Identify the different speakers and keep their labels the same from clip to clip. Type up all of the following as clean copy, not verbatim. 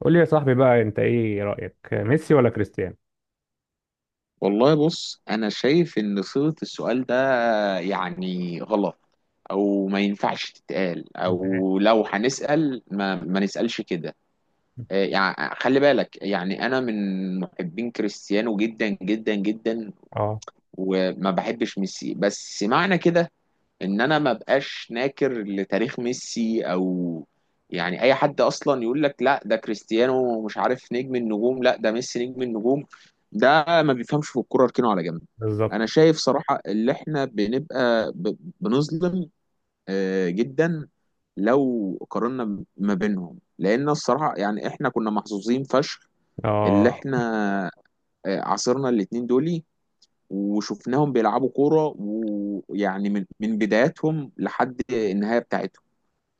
Speaker 1: قول لي يا صاحبي بقى، انت ايه رأيك؟ ميسي ولا كريستيانو
Speaker 2: والله بص، انا شايف ان صيغة السؤال ده غلط، او ما ينفعش تتقال،
Speaker 1: كسبان؟
Speaker 2: او لو هنسأل ما نسألش كده. خلي بالك، انا من محبين كريستيانو جدا جدا جدا
Speaker 1: اه.
Speaker 2: وما بحبش ميسي، بس معنى كده ان انا ما بقاش ناكر لتاريخ ميسي. او اي حد اصلا يقول لك لا ده كريستيانو مش عارف نجم النجوم، لا ده ميسي نجم النجوم، ده ما بيفهمش في الكوره، اركنه على جنب. انا
Speaker 1: بالظبط.
Speaker 2: شايف صراحه اللي احنا بنظلم، جدا، لو قارنا ما بينهم، لان الصراحه احنا كنا محظوظين فشخ اللي
Speaker 1: اه.
Speaker 2: احنا عاصرنا الاتنين دول، وشفناهم بيلعبوا كورة، من بداياتهم لحد النهاية بتاعتهم،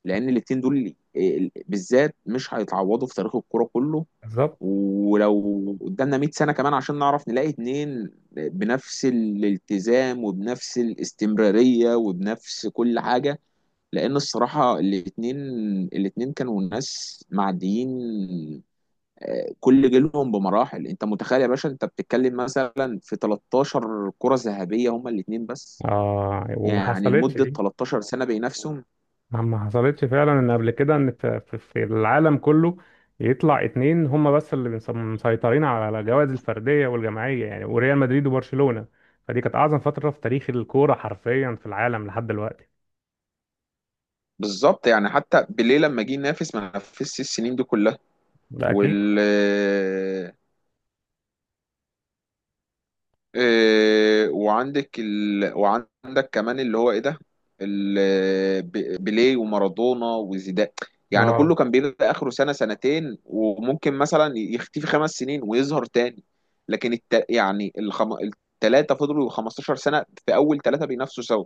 Speaker 2: لأن الاتنين دول بالذات مش هيتعوضوا في تاريخ الكورة كله.
Speaker 1: بالظبط.
Speaker 2: ولو قدامنا 100 سنة كمان عشان نعرف نلاقي اتنين بنفس الالتزام وبنفس الاستمرارية وبنفس كل حاجة، لأن الصراحة الاتنين كانوا ناس معديين كل جيلهم بمراحل. انت متخيل يا باشا، انت بتتكلم مثلا في 13 كرة ذهبية هما الاثنين بس،
Speaker 1: اه، وما حصلتش
Speaker 2: لمدة
Speaker 1: دي.
Speaker 2: 13 سنة بينافسهم.
Speaker 1: ما حصلتش فعلا ان قبل كده، ان في العالم كله يطلع اتنين هما بس اللي مسيطرين على الجوائز الفردية والجماعية، يعني، وريال مدريد وبرشلونة. فدي كانت اعظم فترة في تاريخ الكورة حرفيا في العالم لحد دلوقتي.
Speaker 2: بالظبط، حتى بيليه لما جه ينافس ما نافسش السنين دي كلها.
Speaker 1: ده اكيد.
Speaker 2: وال وعندك وعندك كمان اللي هو ايه ده، بيليه ومارادونا وزيدان،
Speaker 1: اه،
Speaker 2: كله كان بيبقى اخره سنة سنتين وممكن مثلا يختفي خمس سنين ويظهر تاني. لكن التلاتة فضلوا 15 سنة في اول تلاتة بينافسوا سوا.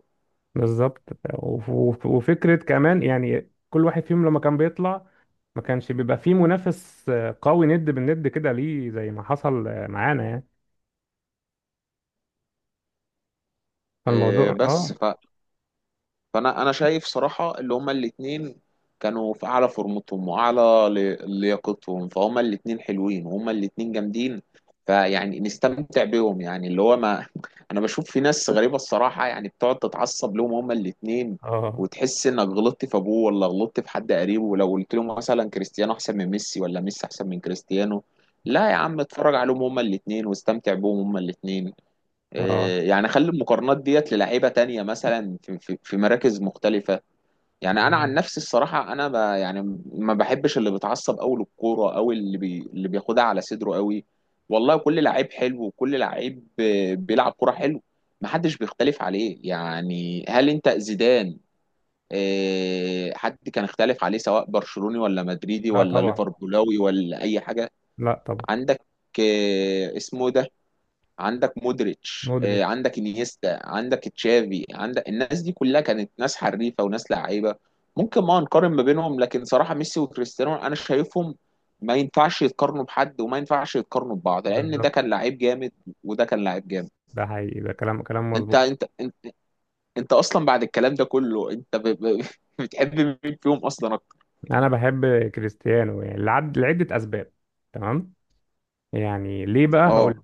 Speaker 1: بالظبط. وفكرة كمان، يعني كل واحد فيهم لما كان بيطلع ما كانش بيبقى فيه منافس قوي ند بالند كده، ليه زي ما حصل معانا يعني.
Speaker 2: إيه،
Speaker 1: فالموضوع
Speaker 2: بس
Speaker 1: آه،
Speaker 2: فانا شايف صراحه اللي هما الاثنين كانوا في اعلى فورمتهم واعلى لياقتهم، فهما الاثنين حلوين وهما الاثنين جامدين، نستمتع بيهم. اللي هو ما انا بشوف في ناس غريبه الصراحه بتقعد تتعصب لهم هما الاثنين،
Speaker 1: اه،
Speaker 2: وتحس انك غلطت في ابوه ولا غلطت في حد قريبه، ولو قلت لهم مثلا كريستيانو احسن من ميسي ولا ميسي احسن من كريستيانو. لا يا عم، اتفرج عليهم هما الاثنين واستمتع بيهم هما الاثنين.
Speaker 1: اه،
Speaker 2: اخلي المقارنات ديت للعيبه تانية مثلا في مراكز مختلفه. انا
Speaker 1: اه.
Speaker 2: عن نفسي الصراحه انا ب يعني ما بحبش اللي بيتعصب قوي للكوره، او اللي بياخدها على صدره قوي. والله كل لعيب حلو، وكل لعيب بيلعب كوره حلو، محدش بيختلف عليه. هل انت زيدان حد كان اختلف عليه؟ سواء برشلوني ولا مدريدي
Speaker 1: لا
Speaker 2: ولا
Speaker 1: طبعا.
Speaker 2: ليفربولاوي ولا اي حاجه.
Speaker 1: لا طبعا.
Speaker 2: عندك اسمه ده، عندك مودريتش،
Speaker 1: مودريتش.
Speaker 2: عندك انيستا، عندك تشافي، عندك الناس دي كلها كانت ناس حريفه وناس لعيبه. ممكن ما نقارن ما بينهم، لكن صراحه ميسي وكريستيانو انا شايفهم ما ينفعش يتقارنوا بحد، وما ينفعش يتقارنوا ببعض، لان ده
Speaker 1: بالظبط.
Speaker 2: كان لعيب جامد وده كان لعيب جامد.
Speaker 1: ده حقيقي، ده كلام كلام
Speaker 2: انت
Speaker 1: مظبوط.
Speaker 2: انت انت, انت اصلا بعد الكلام ده كله، انت بتحب مين فيهم اصلا اكتر؟
Speaker 1: انا بحب كريستيانو، يعني لعدة اسباب. تمام. يعني ليه بقى؟ اه هقول
Speaker 2: اه،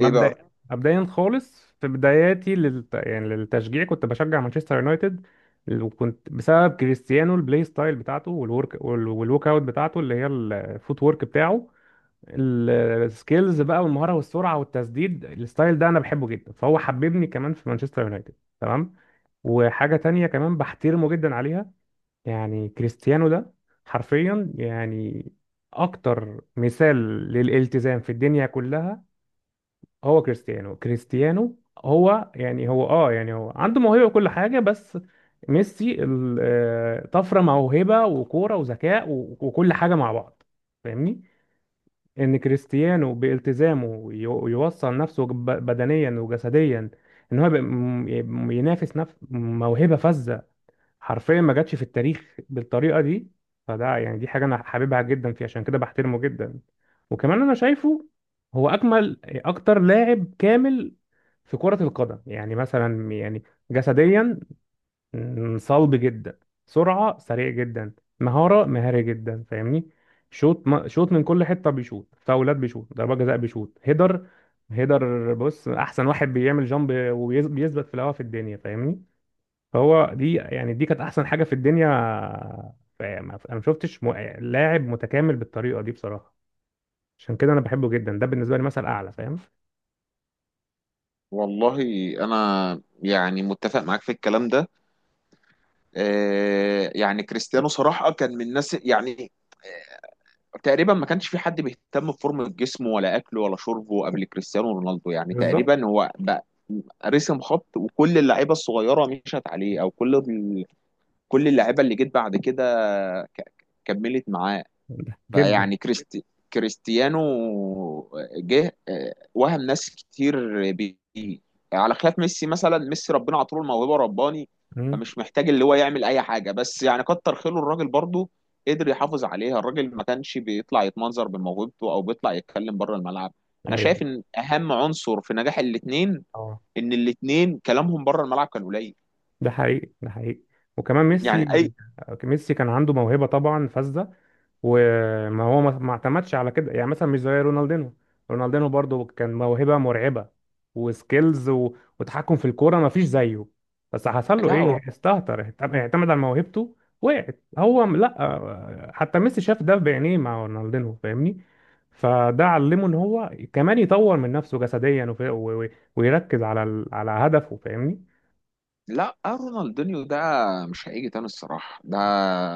Speaker 2: ايه بقى؟
Speaker 1: مبدئيا خالص، في بداياتي يعني للتشجيع كنت بشجع مانشستر يونايتد. وكنت بسبب كريستيانو، البلاي ستايل بتاعته والورك والووك اوت بتاعته اللي هي الفوت وورك بتاعه. ال- السكيلز بقى والمهارة والسرعة والتسديد، الستايل ده انا بحبه جدا، فهو حببني كمان في مانشستر يونايتد. تمام. وحاجة تانية كمان بحترمه جدا عليها. يعني كريستيانو ده حرفيا، يعني اكتر مثال للالتزام في الدنيا كلها هو كريستيانو. كريستيانو هو يعني هو يعني هو عنده موهبة وكل حاجة، بس ميسي طفرة موهبة وكورة وذكاء وكل حاجة مع بعض. فاهمني؟ ان كريستيانو بالتزامه يوصل نفسه بدنيا وجسديا، ان هو يبقى ينافس نفس موهبة فذة حرفيا ما جاتش في التاريخ بالطريقه دي. فده يعني دي حاجه انا حاببها جدا فيه، عشان كده بحترمه جدا. وكمان انا شايفه هو اجمل اكتر لاعب كامل في كره القدم، يعني مثلا يعني جسديا، صلب جدا، سرعه سريع جدا، مهاره مهاري جدا، فاهمني؟ شوط شوط من كل حته، بيشوط فاولات، بيشوط ضربات جزاء، بيشوط هيدر. هيدر بص، احسن واحد بيعمل جامب وبيثبت في الهوا في الدنيا، فاهمني؟ فهو دي يعني دي كانت احسن حاجه في الدنيا. انا ما شفتش لاعب متكامل بالطريقه دي بصراحه. عشان كده انا بحبه جدا، ده بالنسبه لي مثل اعلى، فاهم؟
Speaker 2: والله انا متفق معاك في الكلام ده. كريستيانو صراحة كان من الناس، تقريبا ما كانش في حد بيهتم بفورمة جسمه ولا أكله ولا شربه قبل كريستيانو رونالدو. يعني
Speaker 1: بالظبط
Speaker 2: تقريبا هو بقى رسم خط، وكل اللعيبة الصغيرة مشت عليه. كل اللعيبة اللي جت بعد كده ك- كملت معاه.
Speaker 1: جدا.
Speaker 2: فيعني كريستي كريستيانو جه وهم ناس كتير بيه، على خلاف ميسي. مثلا ميسي ربنا عطوله الموهبه رباني،
Speaker 1: مم.
Speaker 2: فمش محتاج اللي هو يعمل اي حاجه، بس كتر خيره الراجل برضه قدر يحافظ عليها، الراجل ما كانش بيطلع يتمنظر بموهبته او بيطلع يتكلم بره الملعب. انا شايف
Speaker 1: ايوه.
Speaker 2: ان اهم عنصر في نجاح الاثنين
Speaker 1: اه،
Speaker 2: ان الاثنين كلامهم بره الملعب كان قليل.
Speaker 1: ده حقيقي، ده حقيقي. وكمان
Speaker 2: يعني اي
Speaker 1: ميسي، كان عنده موهبة طبعا فذة. وما هو ما اعتمدش على كده، يعني مثلا مش زي رونالدينو. رونالدينو برضو كان موهبة مرعبة وسكيلز وتحكم في الكورة ما فيش زيه. بس حصل له
Speaker 2: لا
Speaker 1: ايه؟ استهتر، اعتمد اعتمد على موهبته، وقعت. لا حتى ميسي شاف ده بعينيه مع رونالدينو، فاهمني؟ فده علمه ان هو كمان يطور من نفسه جسديا ويركز على على هدفه، فاهمني؟
Speaker 2: لا، رونالدينيو ده مش هيجي تاني الصراحة، ده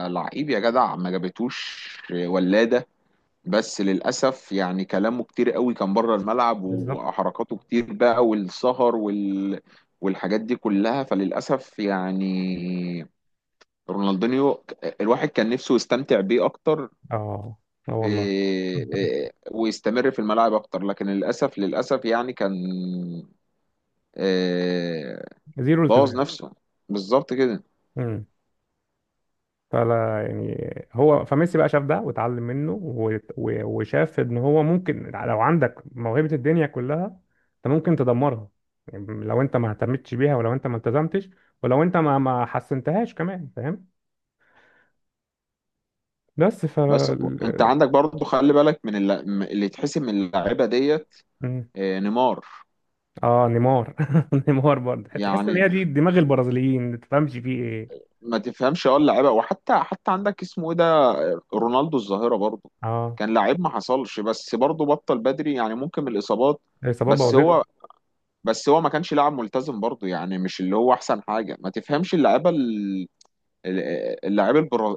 Speaker 2: لعيب يا جدع ما جابتوش ولادة. بس للأسف كلامه كتير قوي كان بره الملعب،
Speaker 1: بالظبط.
Speaker 2: وحركاته كتير بقى، والسهر والحاجات دي كلها، فللأسف رونالدينيو الواحد كان نفسه يستمتع بيه أكتر،
Speaker 1: اه. اه والله،
Speaker 2: إيه، إيه، ويستمر في الملاعب أكتر، لكن للأسف للأسف كان إيه،
Speaker 1: زيرو
Speaker 2: بوظ
Speaker 1: التزام.
Speaker 2: نفسه، بالظبط كده.
Speaker 1: امم فلا يعني هو. فميسي بقى شاف ده واتعلم منه، وشاف ان هو ممكن لو عندك موهبة الدنيا كلها انت ممكن تدمرها، يعني لو انت ما اهتمتش بيها، ولو انت ما التزمتش، ولو انت ما حسنتهاش كمان، فاهم؟ بس ف
Speaker 2: بس انت عندك برضو، خلي بالك من اللي يتحسب من اللعيبه ديت،
Speaker 1: مم.
Speaker 2: نيمار،
Speaker 1: اه، نيمار. نيمار برضه تحس ان
Speaker 2: يعني
Speaker 1: هي دي دماغ البرازيليين، ما تفهمش فيه ايه.
Speaker 2: ما تفهمش اه اللعيبه. وحتى حتى عندك اسمه ايه ده، رونالدو الظاهره برضو
Speaker 1: اه،
Speaker 2: كان لعيب ما حصلش، بس برضو بطل بدري، يعني ممكن من الاصابات.
Speaker 1: الاصابات
Speaker 2: بس
Speaker 1: بوظته.
Speaker 2: هو بس هو ما كانش لاعب ملتزم برضو، يعني مش اللي هو احسن حاجه. ما تفهمش اللعيبه ال- اللعيب البرا...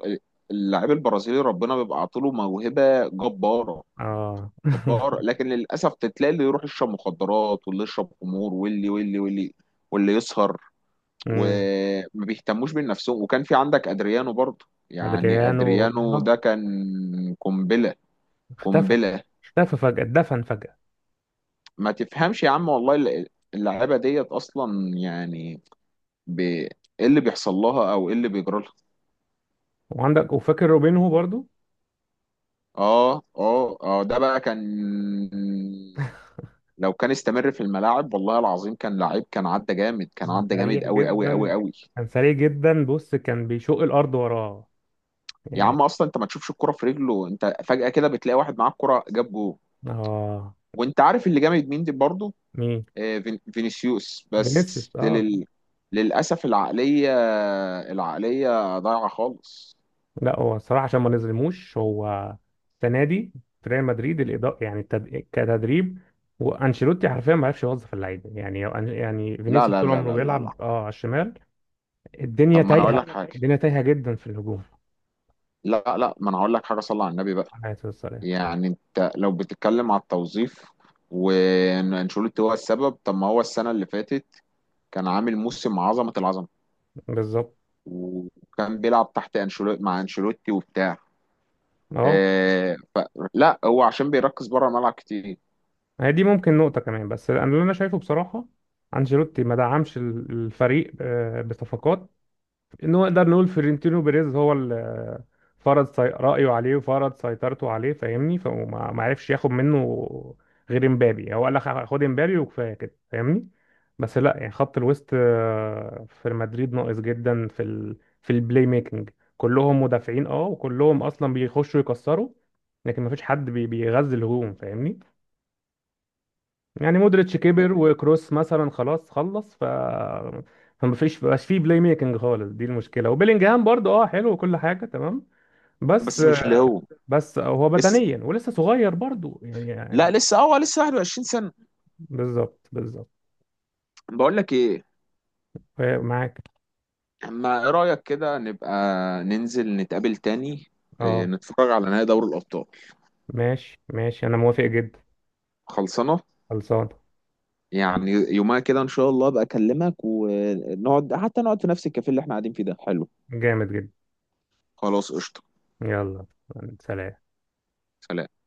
Speaker 2: اللعيب البرازيلي ربنا بيبقى عاطيله موهبه جباره
Speaker 1: اه.
Speaker 2: جبار، لكن للاسف تلاقي اللي يروح يشرب مخدرات، واللي يشرب خمور، واللي واللي يسهر
Speaker 1: امم.
Speaker 2: وما بيهتموش بنفسهم. وكان في عندك ادريانو برضه، يعني
Speaker 1: ادريانو.
Speaker 2: ادريانو ده
Speaker 1: آه.
Speaker 2: كان قنبله،
Speaker 1: اختفى.
Speaker 2: قنبله.
Speaker 1: اختفى فجأة، اتدفن فجأة.
Speaker 2: ما تفهمش يا عم والله اللعيبه ديت اصلا، يعني ايه اللي بيحصل لها او ايه اللي بيجرى لها؟
Speaker 1: وعندك، وفاكر روبينهو برضو؟
Speaker 2: اه اه اه، ده بقى كان، لو كان استمر في الملاعب والله العظيم كان لعيب، كان عدى جامد، كان
Speaker 1: كان
Speaker 2: عدى
Speaker 1: سريع
Speaker 2: جامد قوي قوي قوي
Speaker 1: جدا،
Speaker 2: قوي.
Speaker 1: كان سريع جدا، بص كان بيشق الأرض وراه
Speaker 2: يا
Speaker 1: يعني.
Speaker 2: عم اصلا انت ما تشوفش الكرة في رجله، انت فجأة كده بتلاقي واحد معاه الكرة جاب جول.
Speaker 1: اه.
Speaker 2: وانت عارف اللي جامد مين دي برضه؟
Speaker 1: مين؟
Speaker 2: فينيسيوس، بس
Speaker 1: فينيسيوس. اه
Speaker 2: للأسف العقلية ضايعة خالص.
Speaker 1: لا هو الصراحة عشان ما نظلموش، هو السنة دي في ريال مدريد الإدارة يعني كتدريب وانشيلوتي حرفيا ما عرفش يوظف اللعيبه يعني. يعني
Speaker 2: لا
Speaker 1: فينيسيوس
Speaker 2: لا
Speaker 1: طول
Speaker 2: لا
Speaker 1: عمره
Speaker 2: لا لا لا
Speaker 1: بيلعب على الشمال. الدنيا
Speaker 2: طب ما انا اقول
Speaker 1: تايهه،
Speaker 2: لك حاجة،
Speaker 1: الدنيا تايهه جدا في الهجوم.
Speaker 2: لا لا ما انا هقول لك حاجة، صلى على النبي بقى.
Speaker 1: على الصراحه.
Speaker 2: يعني انت لو بتتكلم على التوظيف وانشيلوتي هو السبب، طب ما هو السنة اللي فاتت كان عامل موسم عظمة العظمة،
Speaker 1: بالظبط.
Speaker 2: وكان بيلعب تحت انشيلوتي، مع انشيلوتي وبتاع
Speaker 1: اه،
Speaker 2: آه، ف... لا، هو عشان بيركز بره الملعب كتير.
Speaker 1: هي دي ممكن نقطة كمان، بس أنا اللي أنا شايفه بصراحة أنشيلوتي ما دعمش الفريق بصفقات إن هو نقدر نقول فيرنتينو بيريز هو اللي فرض رأيه عليه وفرض سيطرته عليه، فاهمني؟ فما ما عرفش ياخد منه غير امبابي. هو قال لك خد امبابي وكفاية كده، فاهمني؟ بس لا يعني خط الوسط في مدريد ناقص جدا في في البلاي ميكنج. كلهم مدافعين، وكلهم أصلا بيخشوا يكسروا، لكن ما فيش حد بيغذي الهجوم، فاهمني؟ يعني مودريتش كبر وكروس مثلا خلاص خلص. ف فما فيش مبقاش فيه بلاي ميكنج خالص، دي المشكله. وبيلينجهام برضو حلو وكل حاجه تمام، بس.
Speaker 2: بس مش اللي هو
Speaker 1: بس هو
Speaker 2: لسه
Speaker 1: بدنيا ولسه صغير برضو، يعني
Speaker 2: لا
Speaker 1: يعني
Speaker 2: لسه، اه هو لسه 21 سنة.
Speaker 1: بالظبط، بالظبط.
Speaker 2: بقول لك ايه،
Speaker 1: آه، معاك.
Speaker 2: اما ايه رأيك كده نبقى ننزل نتقابل تاني
Speaker 1: اه،
Speaker 2: نتفرج على نهائي دوري الأبطال؟
Speaker 1: ماشي ماشي، انا موافق جدا.
Speaker 2: خلصانة؟
Speaker 1: خلصان.
Speaker 2: يعني يومها كده ان شاء الله ابقى اكلمك ونقعد، حتى نقعد في نفس الكافيه اللي احنا قاعدين فيه ده، حلو.
Speaker 1: جامد جدا.
Speaker 2: خلاص قشطة،
Speaker 1: يلا. سلام.
Speaker 2: سلام.